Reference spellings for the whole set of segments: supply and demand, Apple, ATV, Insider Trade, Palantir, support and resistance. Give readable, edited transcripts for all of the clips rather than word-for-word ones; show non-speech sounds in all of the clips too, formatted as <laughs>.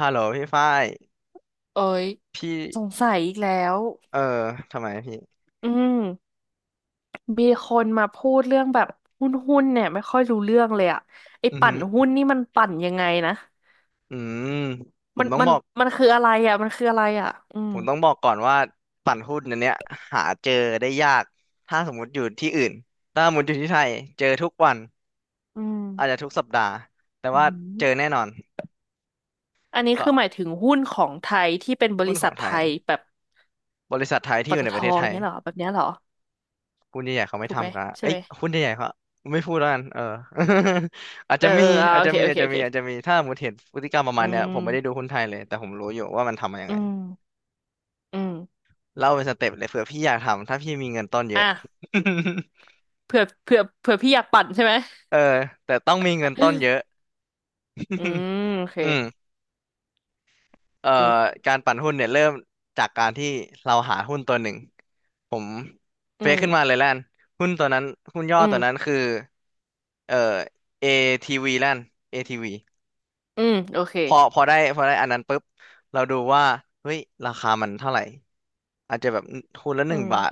ฮัลโหลพี่ฝ้ายเอ้ยพี่ สงสัยอีกแล้วเออ ทำไมพี่อืมมีคนมาพูดเรื่องแบบหุ้นเนี่ยไม่ค่อยรู้เรื่องเลยอะไอ้อือปั่หืนอหุ้นนี่มันปั่นยังไงนะอืมผมัมนต้องมับนอกมันคืออะไรอะมันคืออะไรอะอืมก่อนว่าปั่นหุ้นอันเนี้ยหาเจอได้ยาก ถ้าสมมติอยู่ที่อื่น ถ้าสมมติอยู่ที่ไทยเจอทุกวัน อืมอาจจะทุกสัปดาห์ แต่อืว่าเจอแน่มนอนอันนี้เพคืราะอหมายถึงหุ้นของไทยที่เป็นบหุ้รินขษัองทไทไทย ยแบบบริษัทไทยที่ปอยู่ตในประทเทศไทยเงี้ยเหรอแบบเนี้ยเหรอหุ้นใหญ่ๆเขาไม่ถูกไหมทำกันใช่เอ้ยไหมหุ้นใหญ่ๆเขาไม่พูดแล้วกันเออ <laughs> อาจเอจะอมี เอออาจโอจะเคมีโออาเคจจะโอมีเคอาจจะมีถ้าสมมติเห็นพฤติกรรมประอืมาณเนี้ยผมไม่ได้ดูมหุ้นไทยเลยแต่ผมรู้อยู่ว่ามันทำมายังอืไง มอืมเล่าเป็นสเต็ปเลยเผื่อพี่อยากทำถ้าพี่มีเงินต้นเยอะ อ่ะเผื่อพี่อยากปั่นใช่ไหม <laughs> เออแต่ต้องมีเงินต้นเยอะ <laughs> อืมโอเค <laughs> อืมเอ่ออืมการปั่นหุ้นเนี่ยเริ่มจากการที่เราหาหุ้นตัวหนึ่งผมเฟอืซม ขึ้นมาเลยแล้วนหุ้นตัวนั้นหุ้นย่ออืตัวนั้นม คือเอ่อ ATV แล้วน ATV อืม โอเค พอพอได้พอได้อันนั้นปุ๊บเราดูว่าเฮ้ยราคามันเท่าไหร่อาจจะแบบหุ้นละหอืนึ่งม บาท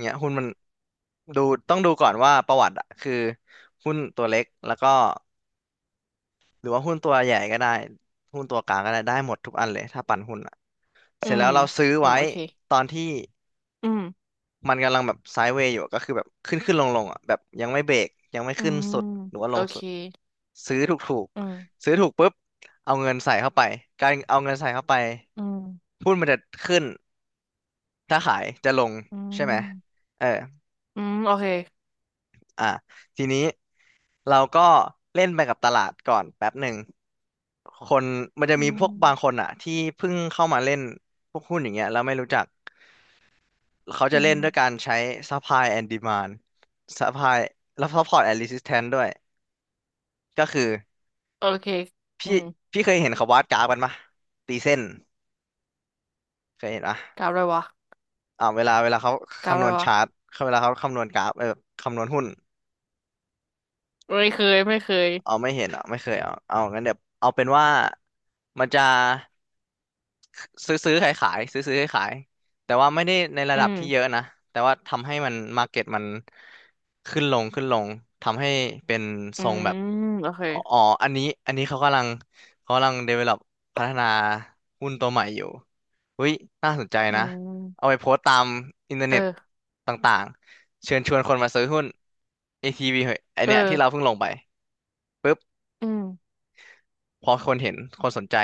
เงี้ยหุ้นมันดูต้องดูก่อนว่าประวัติอะคือหุ้นตัวเล็กแล้วก็หรือว่าหุ้นตัวใหญ่ก็ได้หุ้นตัวกลางก็ได้ได้หมดทุกอันเลยถ้าปั่นหุ้นอะอืเสร็จแล้มวเราซื้อเนาไว้โอเคตอนที่อืม มันกำลังแบบไซด์เวย์อยู่ก็คือแบบขึ้นขึ้นลงลงอะแบบยังไม่เบรกยังไม่อืขึ้นม สุดหรือว่าลโองเคสุดซื้อถูกถูกอืมซื้อถูกปุ๊บเอาเงินใส่เข้าไปการเอาเงินใส่เข้าไป อืม หุ้นมันจะขึ้นถ้าขายจะลงอืใช่ไหมม เอออืม โอเค อ่ะทีนี้เราก็เล่นไปกับตลาดก่อนแป๊บหนึ่งคนมันจะอืมีพม วกบางคนอ่ะที่เพิ่งเข้ามาเล่นพวกหุ้นอย่างเงี้ยแล้วไม่รู้จักเขาอืจะเล่นด้วยกาม รใช้ supply and demand supply แล้ว support and resistance ด้วยก็คือโอเค พี่อืมเคยเห็นเขาวาดกราฟกันปะตีเส้นเคยเห็นปะกราฟอะไรวะเวลาเขากราฟอะคำนไรวณวะ ชาร์ตเขาเวลาเขาคำนวณกราฟเออคำนวณหุ้น ไม่เคย เอาไม่เห็นอ่ะไม่เคยเอาเอางั้นเดี๋ยวเอาเป็นว่ามันจะซื้อซื้อขายขายซื้อซื้อขายขายแต่ว่าไม่ได้ในระอืดับที่เยอะม นะแต่ว่าทำให้มันมาร์เก็ตมันขึ้นลงขึ้นลงทำให้เป็นอืทรงแบบมโอเคอ๋ออ๋ออันนี้เขากำลังเขากำลัง develop พัฒนาหุ้นตัวใหม่อยู่อุ้ยน่าสนใจอืนะเอามไปโพสต์ตามอินเทอร์เอเน็ตอต่างๆเชิญชวนคนมาซื้อหุ้น ATV เหอะไอเออเนี้ยที่เราเพิ่งลงไปปุ๊บ อืมพอคนเห็นคนสนใจ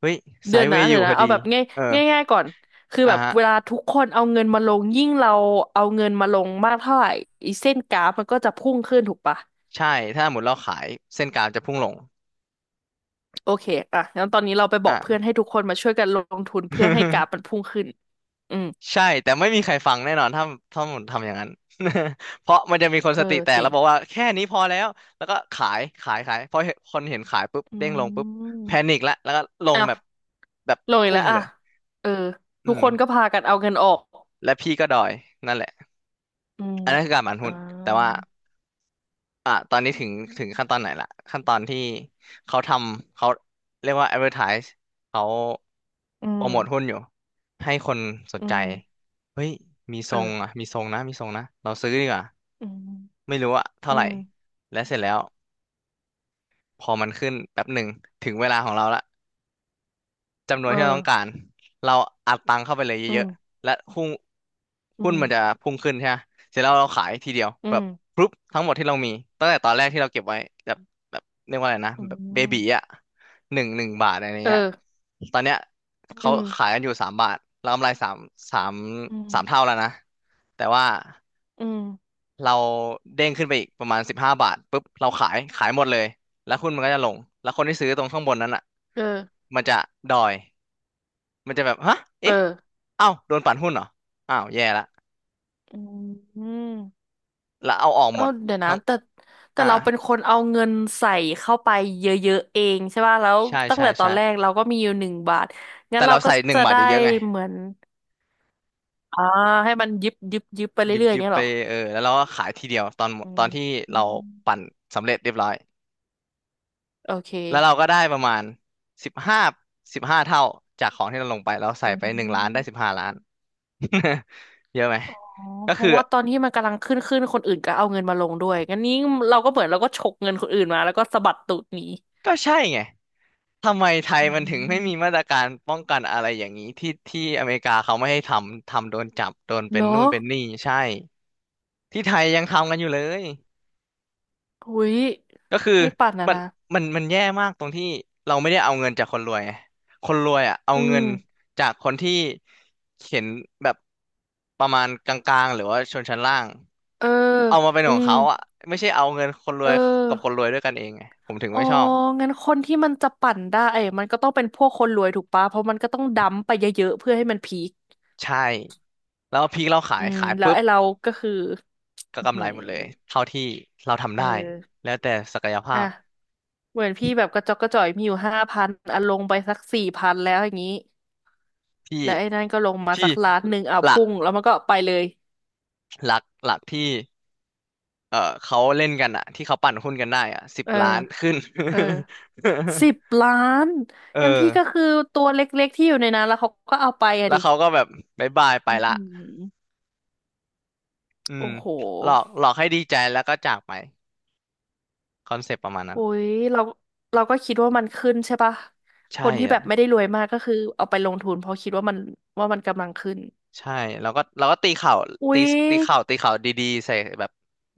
เฮ้ยไซเดือนด์เวนะย์อเดี๋ยู่ยวพนะอเอาดีแบบง่ายเออง่ายง่ายก่อนคืออ่ะแบบเวฮะลาทุกคนเอาเงินมาลงยิ่งเราเอาเงินมาลงมากเท่าไหร่อีเส้นกราฟมันก็จะพุ่งขึ้นถูกปะ ใช่ถ้าหมดเราขายเส้นกลางจะพุ่งลงโอเคอ่ะงั้นตอนนี้เราไปบออ่ะ กเพื่อนให้ทุกคนมาช่วยกันลงทุนเพื่อให้กราฟมันพุ่งขึ้นอืม <laughs> ใช่แต่ไม่มีใครฟังแน่นอนถ้าหมดทำอย่างนั้น <laughs> เพราะมันจะมีคนเอสอติแตกจริแล้วงบอกว่าแค่นี้พอแล้ว แล้วก็ขายขายขายพอเห็นคนเห็นขายปุ๊บอืเด้งลงปุ๊บแพนิมคละแล้วก็ลงอ้าวแบบแบบลงอีกพุ่แล้งวเลอ่ะยเอออืทุกมคนก็พากันเอาเงินออกและพี่ก็ดอยนั่นแหละอืมอันนั้นคือการหมั่นอ่าหุ้นแต่ว่า อ่ะตอนนี้ถึงขั้นตอนไหนละขั้นตอนที่เขาทำเขาเรียกว่า advertise เขาอืโปรโมทหุ้นมอยู่ให้คนสนอืใจมเฮ้ยมีทเอรองอ่ะมีทรงนะมีทรงนะเราซื้อดีกว่าอืมไม่รู้อะเท่าอืไหร่มและเสร็จแล้วพอมันขึ้นแป๊บหนึ่งถึงเวลาของเราละ จำนวนเออที่เราต้องการเราอัดตังค์เข้าไปเลยอืเยมอะๆและหุ้นอืมันมจะพุ่งขึ้นใช่ไหมเสร็จแล้วเราขายทีเดียวอืแบบมปุ๊บทั้งหมดที่เรามีตั้งแต่ตอนแรกที่เราเก็บไว้แบบเรียกว่าอะไรนะอืแบบเบบีอ่ะมหนึ่งบาทอะไรเอเงี้ยอตอนเนี้ยอืเขาขายมกันอยู่สามบาทเรากำไรสามสามอืมเท่าแล้วนะแต่ว่าอืมเราเด้งขึ้นไปอีกประมาณสิบห้าบาทปุ๊บเราขายขายหมดเลยแล้วหุ้นมันก็จะลงแล้วคนที่ซื้อตรงข้างบนนั้นอ่ะเออมันจะดอย มันจะแบบฮะเออเอ๊ะเอ้าโดนปั่นหุ้นเหรออ้าวแย่ละอืม แล้วเอาออกหก็มดเดี๋ยวนะทั้งแต่แต่อ่า เราเป็นคนเอาเงินใส่เข้าไปเยอะๆเองใช่ป่ะแล้วใช่ตั้งใช่แต่ตอใช่นแรกเราก็มีอยู่1 บาทงั้นแต่เราเราก็ใส่หนึ่งจะบาทได้เยอะๆไงเหมือนอ่าให้มันยิบยิบยิบไปยิบเรื่อยๆอยิย่างบเงี้ยไปเหรอเออแล้วเราก็ขายทีเดียวตอนหมอืดตอมนที่อืเรามปั่นสำเร็จเรียบร้อย โอเคแล้วเราก็ได้ประมาณสิบห้าเท่าจากของที่เราลงไปเราใส่อืไปหนึ่งล้านได้สิบมห้าล้าน <laughs> เยอะไหม อ๋อก็เพคือ ราะว่าตอนที่มันกำลังขึ้นคนอื่นก็เอาเงินมาลงด้วยงั้นนี้เราก็เหมือนเราก็ฉกเงินคนอื่นมาแล้วก็สะบัดตูดหนีก็ใช่ไงทำไมไทยอืมันถึงไม่มมีมาตรการป้องกันอะไรอย่างนี้ที่อเมริกาเขาไม่ให้ทำโดนจับโดนเหเป็รนอนู่นเป็นนี่ใช่ที่ไทยยังทำกันอยู่เลยหุยก็คือให้ปั่นนะมันนะมันแย่มากตรงที่เราไม่ได้เอาเงินจากคนรวยไงคนรวยอ่ะเอาอืเงิมนจากคนที่เห็นแบบประมาณกลางๆหรือว่าชนชั้นล่างเออเอามาเป็นอืของม เขาอ่ะไม่ใช่เอาเงินคนรเอวยกับคนอรวยด้วยกันเองไงผมถึงอ๋อไม่ชอบ งั้นคนที่มันจะปั่นได้มันก็ต้องเป็นพวกคนรวยถูกปะเพราะมันก็ต้องดัมไปเยอะๆเพื่อให้มันพีคใช่แล้วพริกเราขาอืยมขายแล้วปุ๊บไอ้เราก็คือก็อือกำหืไรอหมดเลยเท่าที่เราทำเอได้อแล้วแต่ศักยภาอ่ะพเหมือนพี่แบบกระจอกกระจ่อยมีอยู่5,000อ่ะลงไปสัก4,000แล้วอย่างนี้พี่แล้วไอ้นั่นก็ลงมาพี่สัก1 ล้านอ่ะหลักพุ่งแล้วมันก็ไปเลยหลักที่เออเขาเล่นกันอะที่เขาปั่นหุ้นกันได้อะสิบเออล้านขึ้น เออสิบ <laughs> ล้านเอองั้นพี่ก็คือตัวเล็กๆที่อยู่ในนั้นแล้วเขาก็เอาไปอะแล้วดิเขาก็แบบบายบายไปอือละหืออืมโอ้โห หลอกหลอกให้ดีใจแล้วก็จากไปคอนเซปต์ประมาณนั้นโอ้ยเราเราก็คิดว่ามันขึ้นใช่ปะคใช่นที่แบอะบไม่ได้รวยมากก็คือเอาไปลงทุนเพราะคิดว่ามันว่ามันกำลังขึ้นใช่แล้วก็ตีข่าวอุ้ตียดีๆใส่แบบ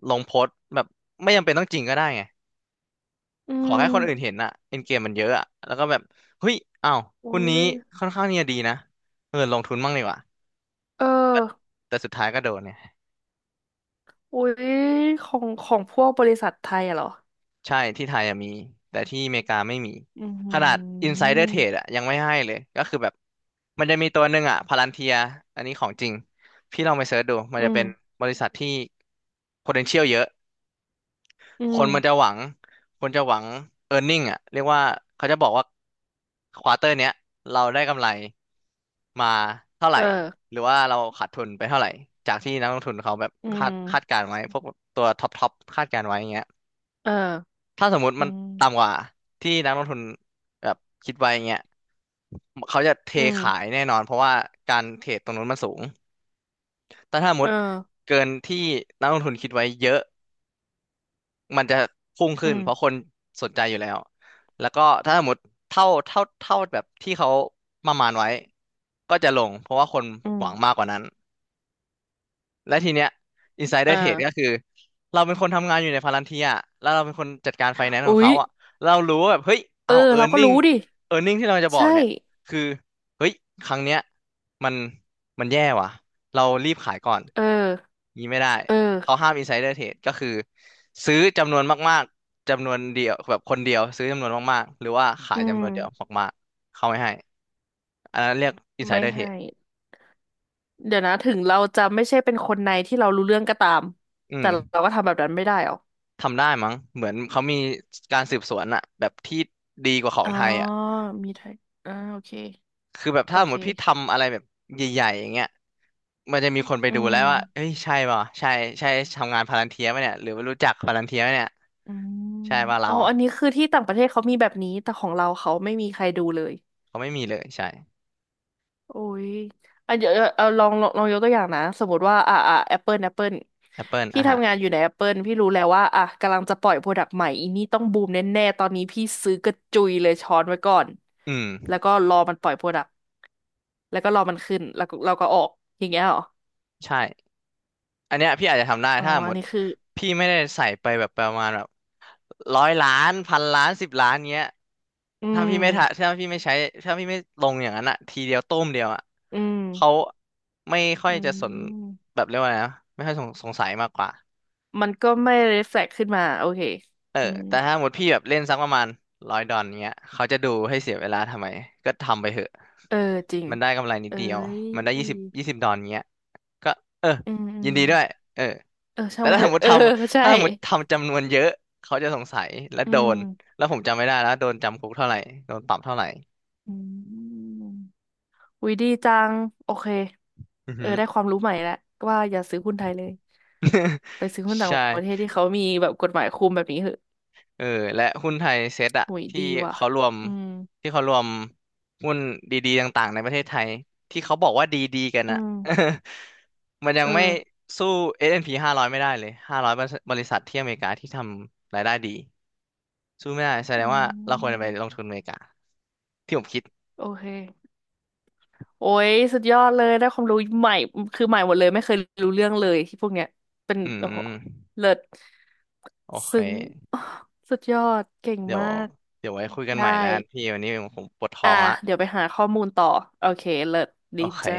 ลงโพสต์แบบไม่จำเป็นต้องจริงก็ได้ไง อืขอมแค่คนอื่นเห็นอะเอ็นเกมมันเยอะอะแล้วก็แบบเฮ้ยอ้าวอุ้หุ้นยนี้ค่อนข้างเนี่ยดีนะเออลงทุนบ้างดีกว่าเออแต่สุดท้ายก็โดนเนี่ยอุ้ยของของพวกบริษัทไทยอะเหรอใช่ที่ไทยอะมีแต่ที่อเมริกาไม่มี อืมอหืขนาด อ Insider Trade อะยังไม่ให้เลยก็คือแบบมันจะมีตัวหนึ่งอะพาลันเทีย อันนี้ของจริง พี่ลองไปเสิร์ชดู มันอืจะมเป็นบริษัทที่ potential เยอะ อืคมนมันจะหวังคนจะหวัง earning อ่ะเรียกว่าเขาจะบอกว่าควอเตอร์เนี้ยเราได้กำไรมาเท่าไหร่เออหรือว่าเราขาดทุนไปเท่าไหร่จากที่นักลงทุนเขาแบบอืคาดคาดกามรณ์ไว้พวกตัวท็อปท็อปคาดการณ์ไว้อย่างเงี้ยเออถ้าสมมุติอืมันต่ำกมว่าที่นักลงทุนแบบคิดไว้อย่างเงี้ยเขาจะเทอืขายมแน่นอนเพราะว่าการเทรดตรงนู้นมันสูงแต่ถ้าสมมเออติเกินที่นักลงทุนคิดไว้เยอะ มันจะพุ่งอืขึ้นเพราะคมนสนใจอยู่แล้ว แล้วก็ถ้าสมมติเท่าแบบที่เขาประมาณไว้ก็จะลงเพราะว่าคนอืหมวังมากกว่านั้น และทีเนี้ย เอ insider อ trade ก็คือเราเป็นคนทำงานอยู่ในพาลันเทียแล้วเราเป็นคนจัดการไฟแนนซ์ของอุ๊ยเขาอ่ะเรารู้ว่าแบบเฮ้ยเอออ้าว เราก็รู้ earning ดิ earning ที่เราจะบอกใช่เนี่ยคือเฮ้ยครั้งเนี้ยมันมันแย่ว่ะเรารีบขายก่อนเอองี้ไม่ได้เออเขาห้าม insider trade ก็คือซื้อจำนวนมากๆจำนวนเดียวแบบคนเดียวซื้อจำนวนมากๆหรือว่าขาอืยจำนมวนเดียวมากๆเขาไม่ให้อันนั้นเรียก ไม่ insider trade ให้ เดี๋ยวนะถึงเราจะไม่ใช่เป็นคนในที่เรารู้เรื่องก็ตามอืแต่ม เราก็ทำแบบนั้นไม่ได้หรอ ทำได้มั้งเหมือนเขามีการสืบสวนอะแบบที่ดีกว่าของอ๋อ ไทยอะมีไทยอ่าโอเคคือแบบโอถ้าสมเค มติพี่ทำอะไรแบบใหญ่ๆอย่างเงี้ยมันจะมีคนไปอืดูแล้มวว่าเอ้ยใช่ป่ะใช่ใช่ทำงานพาลันเทียไหมเนี่ยหรือว่ารู้จักพาลันเทียไหมเนี่ยอืมใช่ป่ะเราอ๋ออันนี้คือที่ต่างประเทศเขามีแบบนี้แต่ของเราเขาไม่มีใครดูเลย เขาไม่มีเลยใช่ โอ้ยอ่ะเดี๋ยวเอาลองยกตัวอย่างนะ สมมติว่าอ่ะอ่ะแอปเปิล Apple พี่อ่ะทำงาฮะนอยู่ในแอปเปิลพี่รู้แล้วว่าอ่ะกำลังจะปล่อยโปรดักต์ใหม่อีนี่ต้องบูมแน่ๆ ตอนนี้พี่ซื้อกระจุยเลยช้อนไว้ก่อน อืมแล้วก็รอมันปล่อยโปรดักต์แล้วก็รอมันขึ้นแล้วก็เราก็ออกอย่างเงี้ยเหรอ ใช่อันเนี้ยพี่อาจจะทำได้อ๋อถ้าสมอัมนตินี้คือ พี่ไม่ได้ใส่ไปแบบประมาณแบบ 100 ล้าน1,000 ล้านสิบล้านเงี้ยอืถ้าพี่ไม่ทะม ถ้าพี่ไม่ใช้ถ้าพี่ไม่ลงอย่างนั้นอะทีเดียวต้มเดียวอะอืม เขาไม่ค่ออืยจะสนม แบบเรียกว่าไงนะไม่ค่อยสงสัยมากกว่ามันก็ไม่ reflect ขึ้นมาโอเคเอออืมแต่ถ้าหมดพี่แบบเล่นสักประมาณ100 ดอนเงี้ยเขาจะดูให้เสียเวลาทำไมก็ทำไปเถอะเออจริงมันได้กำไรนิดเอ้เดียวมันได้ยี่สิบยยี่สิบดอนเงี้ยก็เอออืมอืยิมนดีด้วยเออ เออช่าแต่งมันเถอะเออใช่ ถ้าสมมติทำจำนวนเยอะเขาจะสงสัยและอืโดมนแล้วผมจำไม่ได้แล้วโดนจำคุกเท่าไหร่โดนปรับเท่าไหร่อืมอุ๊ยดีจัง โอเคอือเอฮึอได้ความรู้ใหม่แล้วว่าอย่าซื้อหุ้นไทยเลย ไปซื้อหุ้นต่างใช่ประเทศที่เขามีแบบกฎหมายคุมแบบนี้เหอะเออและหุ้นไทยเซ็ตอะหุยดีว่ะเขารวมอืมที่เขารวมหุ้นดีๆต่างๆในประเทศไทยที่เขาบอกว่าดีๆกันอือะ ม <laughs> มันยัเองไม่อสู้ S&P ้าร้อยไม่ได้เลย500บริษัทที่อเมริกาที่ทำรายได้ดีสู้ไม่ได้แสดอืงว่าเราควรจะไปลมงทุนอเมริกาที่ผมคิดโอเค โอ้ยสุดยอดเลยได้ความรู้ใหม่ คือใหม่หมดเลยไม่เคยรู้เรื่องเลยที่พวกเนี้ย เป็นอืโอ้โหมเลิศโอเค ซึ้ง <sighs> สุดยอด เก่งเดี๋ยวมาก เดี๋ยวไว้คุยกันได้ ใหม่แล้วกันพี่วันนี้ผมปวดท้ออ่ะงละเดี๋ยวไปหาข้อมูลต่อโอเคเลิศโอดีเคจ้า